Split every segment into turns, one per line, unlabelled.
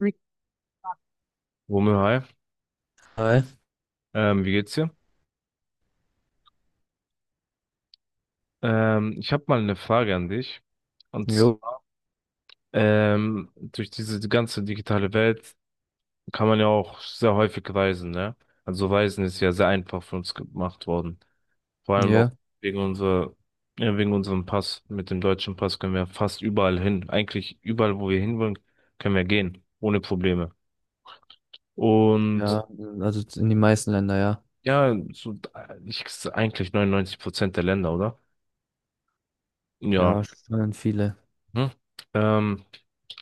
Hm. Romeo, hi.
Hi.
Wie geht's dir? Ich habe mal eine Frage an dich. Und
Jo,
durch diese ganze digitale Welt kann man ja auch sehr häufig reisen, ne? Also Reisen ist ja sehr einfach für uns gemacht worden. Vor allem auch
ja,
wegen ja, wegen unserem Pass. Mit dem deutschen Pass können wir fast überall hin. Eigentlich überall, wo wir hinwollen, können wir gehen, ohne Probleme. Und
ja, also in die meisten Länder, ja.
ja, so, eigentlich 99% der Länder, oder? Ja.
Ja. Schon viele.
Hm. Ähm,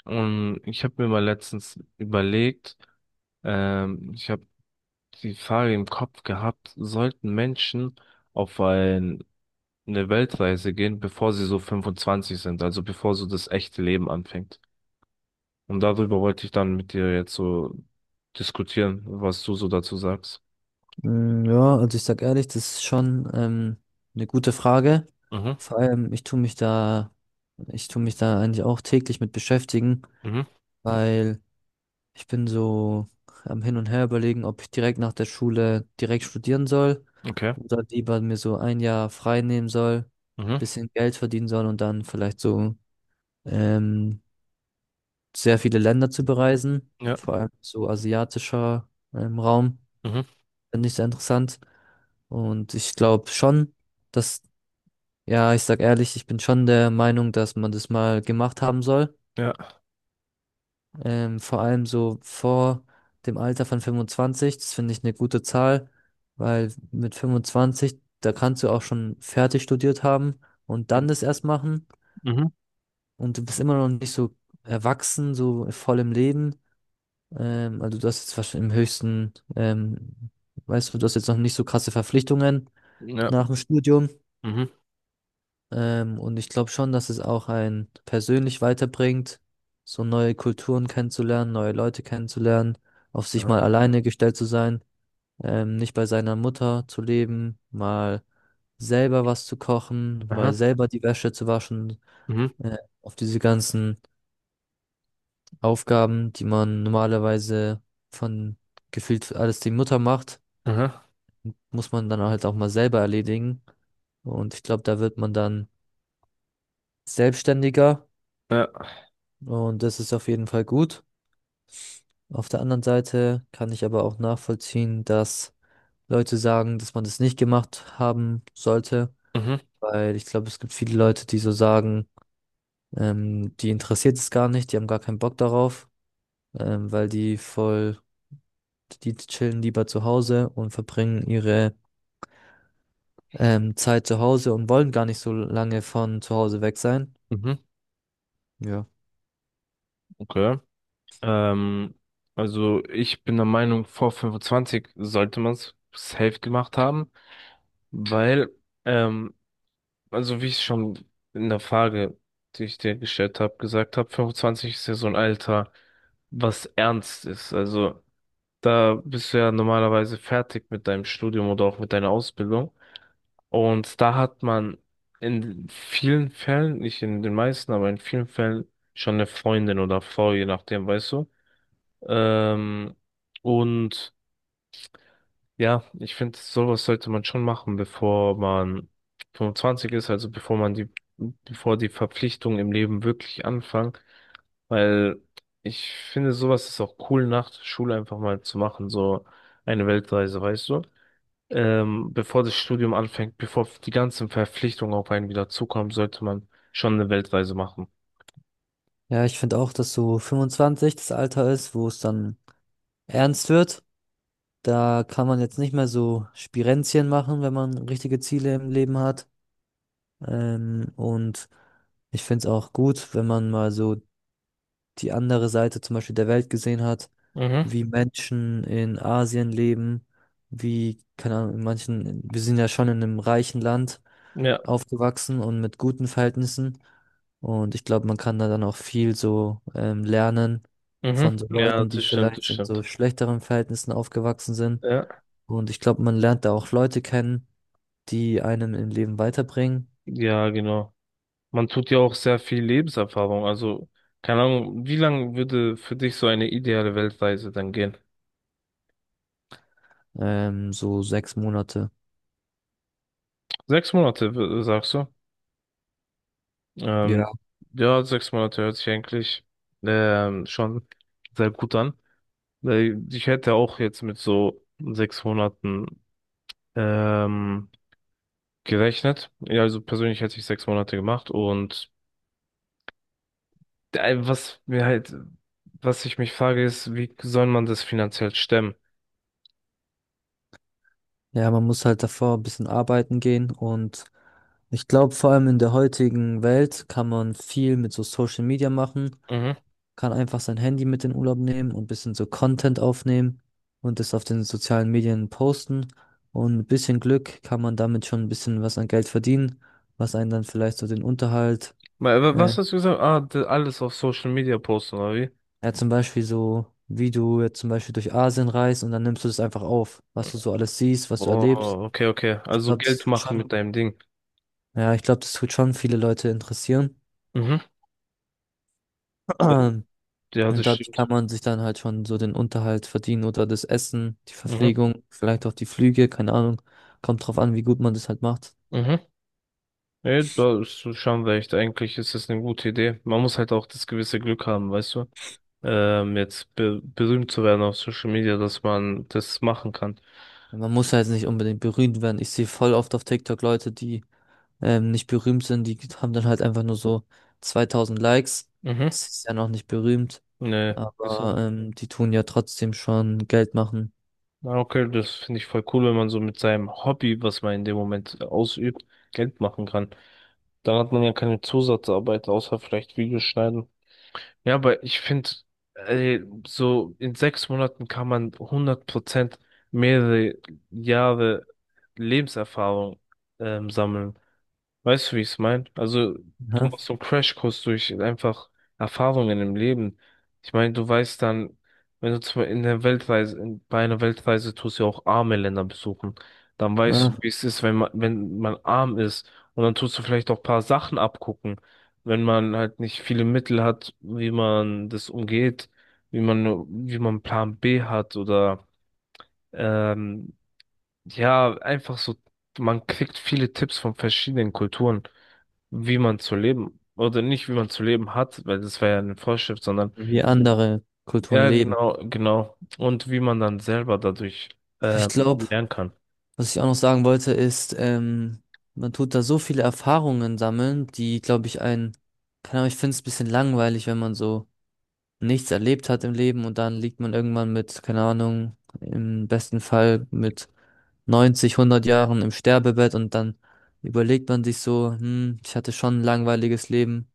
Und ich habe mir mal letztens überlegt, ich habe die Frage im Kopf gehabt. Sollten Menschen auf ein, eine Weltreise gehen, bevor sie so 25 sind, also bevor so das echte Leben anfängt? Und darüber wollte ich dann mit dir jetzt so diskutieren, was du so dazu sagst.
Mm, ja, also ich sag ehrlich, das ist schon eine gute Frage.
Mhm,
Vor allem, ich tue mich da eigentlich auch täglich mit beschäftigen,
mhm,
weil ich bin so am Hin und Her überlegen, ob ich direkt nach der Schule direkt studieren soll
okay,
oder lieber mir so ein Jahr frei nehmen soll,
mhm,
bisschen Geld verdienen soll und dann vielleicht so ähm, sehr viele Länder zu bereisen,
ja,
vor allem so asiatischer Raum,
mhm,
finde ich sehr interessant. Und ich glaube schon, dass, ja, ich sag ehrlich, ich bin schon der Meinung, dass man das mal gemacht haben soll.
ja,
Vor allem so vor dem Alter von 25, das finde ich eine gute Zahl, weil mit 25, da kannst du auch schon fertig studiert haben und dann das erst machen
mhm,
und du bist immer noch nicht so erwachsen, so voll im Leben. Also du hast jetzt wahrscheinlich im höchsten, weißt du, du hast jetzt noch nicht so krasse Verpflichtungen
ja,
nach dem Studium.
mhm,
Und ich glaube schon, dass es auch einen persönlich weiterbringt, so neue Kulturen kennenzulernen, neue Leute kennenzulernen, auf sich
aha,
mal alleine gestellt zu sein, nicht bei seiner Mutter zu leben, mal selber was zu kochen, mal
aha,
selber die Wäsche zu waschen,
mhm,
äh, auf diese ganzen Aufgaben, die man normalerweise von gefühlt alles die Mutter macht,
aha,
muss man dann halt auch mal selber erledigen. Und ich glaube, da wird man dann selbstständiger
ja,
und das ist auf jeden Fall gut. Auf der anderen Seite kann ich aber auch nachvollziehen, dass Leute sagen, dass man das nicht gemacht haben sollte,
mhm,
weil ich glaube, es gibt viele Leute, die so sagen, die interessiert es gar nicht, die haben gar keinen Bock darauf, weil die voll, die chillen lieber zu Hause und verbringen ihre Zeit zu Hause und wollen gar nicht so lange von zu Hause weg sein.
mhm,
Ja.
okay. Ähm, also ich bin der Meinung, vor 25 sollte man es safe gemacht haben, weil, ähm, also wie ich schon in der Frage, die ich dir gestellt habe, gesagt habe, 25 ist ja so ein Alter, was ernst ist. Also da bist du ja normalerweise fertig mit deinem Studium oder auch mit deiner Ausbildung. Und da hat man in vielen Fällen, nicht in den meisten, aber in vielen Fällen schon eine Freundin oder Frau, je nachdem, weißt du. Ähm, und ja, ich finde, sowas sollte man schon machen, bevor man 25 ist, also bevor die Verpflichtungen im Leben wirklich anfangen, weil ich finde, sowas ist auch cool, nach der Schule einfach mal zu machen, so eine Weltreise, weißt du? Bevor das Studium anfängt, bevor die ganzen Verpflichtungen auf einen wieder zukommen, sollte man schon eine Weltreise machen.
Ja, ich finde auch, dass so 25 das Alter ist, wo es dann ernst wird. Da kann man jetzt nicht mehr so Spirenzchen machen, wenn man richtige Ziele im Leben hat. Und ich finde es auch gut, wenn man mal so die andere Seite zum Beispiel der Welt gesehen hat,
Mhm.
wie Menschen in Asien leben, wie, keine Ahnung, in manchen, wir sind ja schon in einem reichen Land
Ja,
aufgewachsen und mit guten Verhältnissen. Und ich glaube, man kann da dann auch viel so lernen
mhm.
von so
Ja,
Leuten, die
das stimmt, das
vielleicht in so
stimmt.
schlechteren Verhältnissen aufgewachsen sind.
Ja,
Und ich glaube, man lernt da auch Leute kennen, die einem im Leben weiterbringen.
ja, genau. Man tut ja auch sehr viel Lebenserfahrung. Also, keine Ahnung, wie lang würde für dich so eine ideale Weltreise dann gehen?
So 6 Monate.
Sechs Monate, sagst du? Ähm,
Ja.
ja, sechs Monate hört sich eigentlich schon sehr gut an. Weil ich hätte auch jetzt mit so sechs Monaten ähm, gerechnet. Ja, also persönlich hätte ich sechs Monate gemacht. Und äh, was mir halt, was ich mich frage, ist: wie soll man das finanziell stemmen?
Ja, man muss halt davor ein bisschen arbeiten gehen und ich glaube, vor allem in der heutigen Welt kann man viel mit so Social Media machen,
Mhm.
kann einfach sein Handy mit in den Urlaub nehmen und ein bisschen so Content aufnehmen und das auf den sozialen Medien posten. Und mit bisschen Glück kann man damit schon ein bisschen was an Geld verdienen, was einen dann vielleicht so den Unterhalt, äh,
Was hast du gesagt? Ah, alles auf Social Media posten, oder wie?
ja zum Beispiel so, wie du jetzt zum Beispiel durch Asien reist und dann nimmst du das einfach auf, was du so alles siehst, was du erlebst.
Oh, okay, okay.
Ich
Also
glaube, das
Geld
tut
machen
schon
mit deinem Ding.
Ja, ich glaube, das tut schon viele Leute interessieren.
Mhm. Ja, ja, das
Und dadurch kann
stimmt.
man sich dann halt schon so den Unterhalt verdienen oder das Essen, die
Mhm.
Verpflegung, vielleicht auch die Flüge, keine Ahnung. Kommt drauf an, wie gut man das halt macht.
Mhm. Nee, da ist du schon recht. Eigentlich ist das eine gute Idee. Man muss halt auch das gewisse Glück haben, weißt du? Jetzt be berühmt zu werden auf Social Media, dass man das machen kann.
Ja, man muss halt nicht unbedingt berühmt werden. Ich sehe voll oft auf TikTok Leute, die nicht berühmt sind, die haben dann halt einfach nur so 2000 Likes.
Mhm.
Das ist ja noch nicht berühmt,
Nee.
aber die tun ja trotzdem schon Geld machen.
Na, okay, das finde ich voll cool, wenn man so mit seinem Hobby, was man in dem Moment ausübt, Geld machen kann. Dann hat man ja keine Zusatzarbeit, außer vielleicht Videos schneiden. Ja, aber ich finde, äh, so in sechs Monaten kann man hundert Prozent mehrere Jahre Lebenserfahrung sammeln. Weißt du, wie ich es meine? Also, du
Ja,
machst so einen Crashkurs durch einfach Erfahrungen im Leben. Ich meine, du weißt dann, wenn du zum, bei einer Weltreise tust du ja auch arme Länder besuchen, dann weißt du,
ja,
wie es ist, wenn man arm ist. Und dann tust du vielleicht auch ein paar Sachen abgucken, wenn man halt nicht viele Mittel hat, wie man das umgeht, wie man Plan B hat oder ähm, ja, einfach so, man kriegt viele Tipps von verschiedenen Kulturen, wie man zu leben oder nicht, wie man zu leben hat, weil das war ja eine Vorschrift, sondern
wie andere Kulturen
ja,
leben.
genau, genau. Und wie man dann selber dadurch
Ich glaube,
lernen kann.
Was ich auch noch sagen wollte, ist, man tut da so viele Erfahrungen sammeln, die, glaube ich, einen, keine Ahnung, ich finde es ein bisschen langweilig, wenn man so nichts erlebt hat im Leben und dann liegt man irgendwann mit, keine Ahnung, im besten Fall mit 90, 100 Jahren im Sterbebett und dann überlegt man sich so, hm, ich hatte schon ein langweiliges Leben,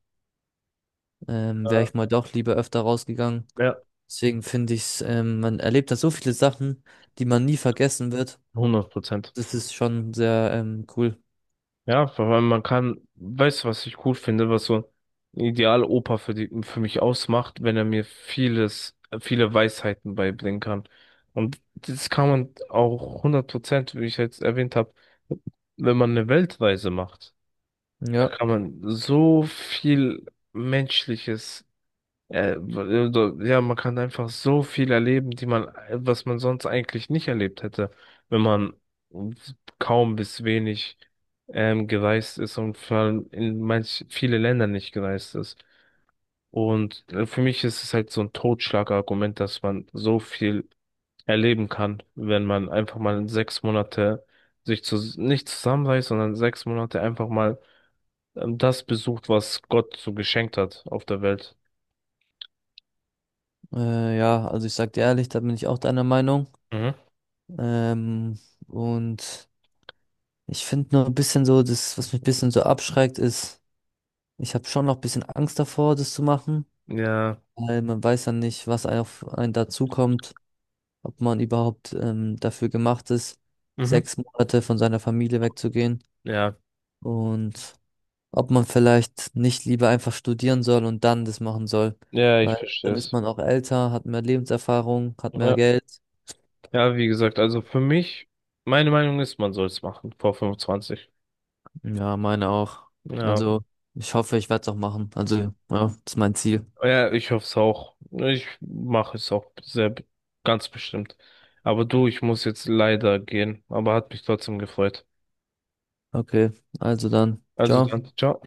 wäre
Ja,
ich mal doch lieber öfter rausgegangen.
ja,
Deswegen finde ich, man erlebt da so viele Sachen, die man nie vergessen wird.
100%.
Das ist schon sehr, cool.
Ja, weil man kann, weißt du, was ich cool finde, was so ein Idealopa für mich ausmacht, wenn er mir viele Weisheiten beibringen kann. Und das kann man auch hundert Prozent, wie ich jetzt erwähnt habe, wenn man eine Weltreise macht. Da
Ja,
kann man so viel Menschliches also, ja, man kann einfach so viel erleben, was man sonst eigentlich nicht erlebt hätte, wenn man kaum bis wenig gereist ist und vor allem in manch viele Länder nicht gereist ist. Und für mich ist es halt so ein Totschlagargument, dass man so viel erleben kann, wenn man einfach mal sechs Monate nicht zusammenreißt, sondern sechs Monate einfach mal das besucht, was Gott so geschenkt hat auf der Welt.
ja, also ich sag dir ehrlich, da bin ich auch deiner Meinung.
Mhm.
Ähm, und ich finde nur ein bisschen so, das, was mich ein bisschen so abschreckt, ist, ich habe schon noch ein bisschen Angst davor, das zu machen,
Ja.
weil man weiß ja nicht, was auf einen dazukommt, ob man überhaupt dafür gemacht ist,
Mhm.
6 Monate von seiner Familie wegzugehen
Ja,
und ob man vielleicht nicht lieber einfach studieren soll und dann das machen soll,
ja, ich
weil
verstehe
dann ist
es.
man auch älter, hat mehr Lebenserfahrung, hat mehr
Ja,
Geld.
ja, wie gesagt, also für mich, meine Meinung ist, man soll es machen, vor 25.
Ja, meine auch.
Ja,
Also, ich hoffe, ich werde es auch machen. Also, ja, das ist mein Ziel.
ja, ich hoffe es auch. Ich mache es auch sehr, ganz bestimmt. Aber du, ich muss jetzt leider gehen, aber hat mich trotzdem gefreut.
Okay, also dann.
Also
Ciao.
dann, ciao.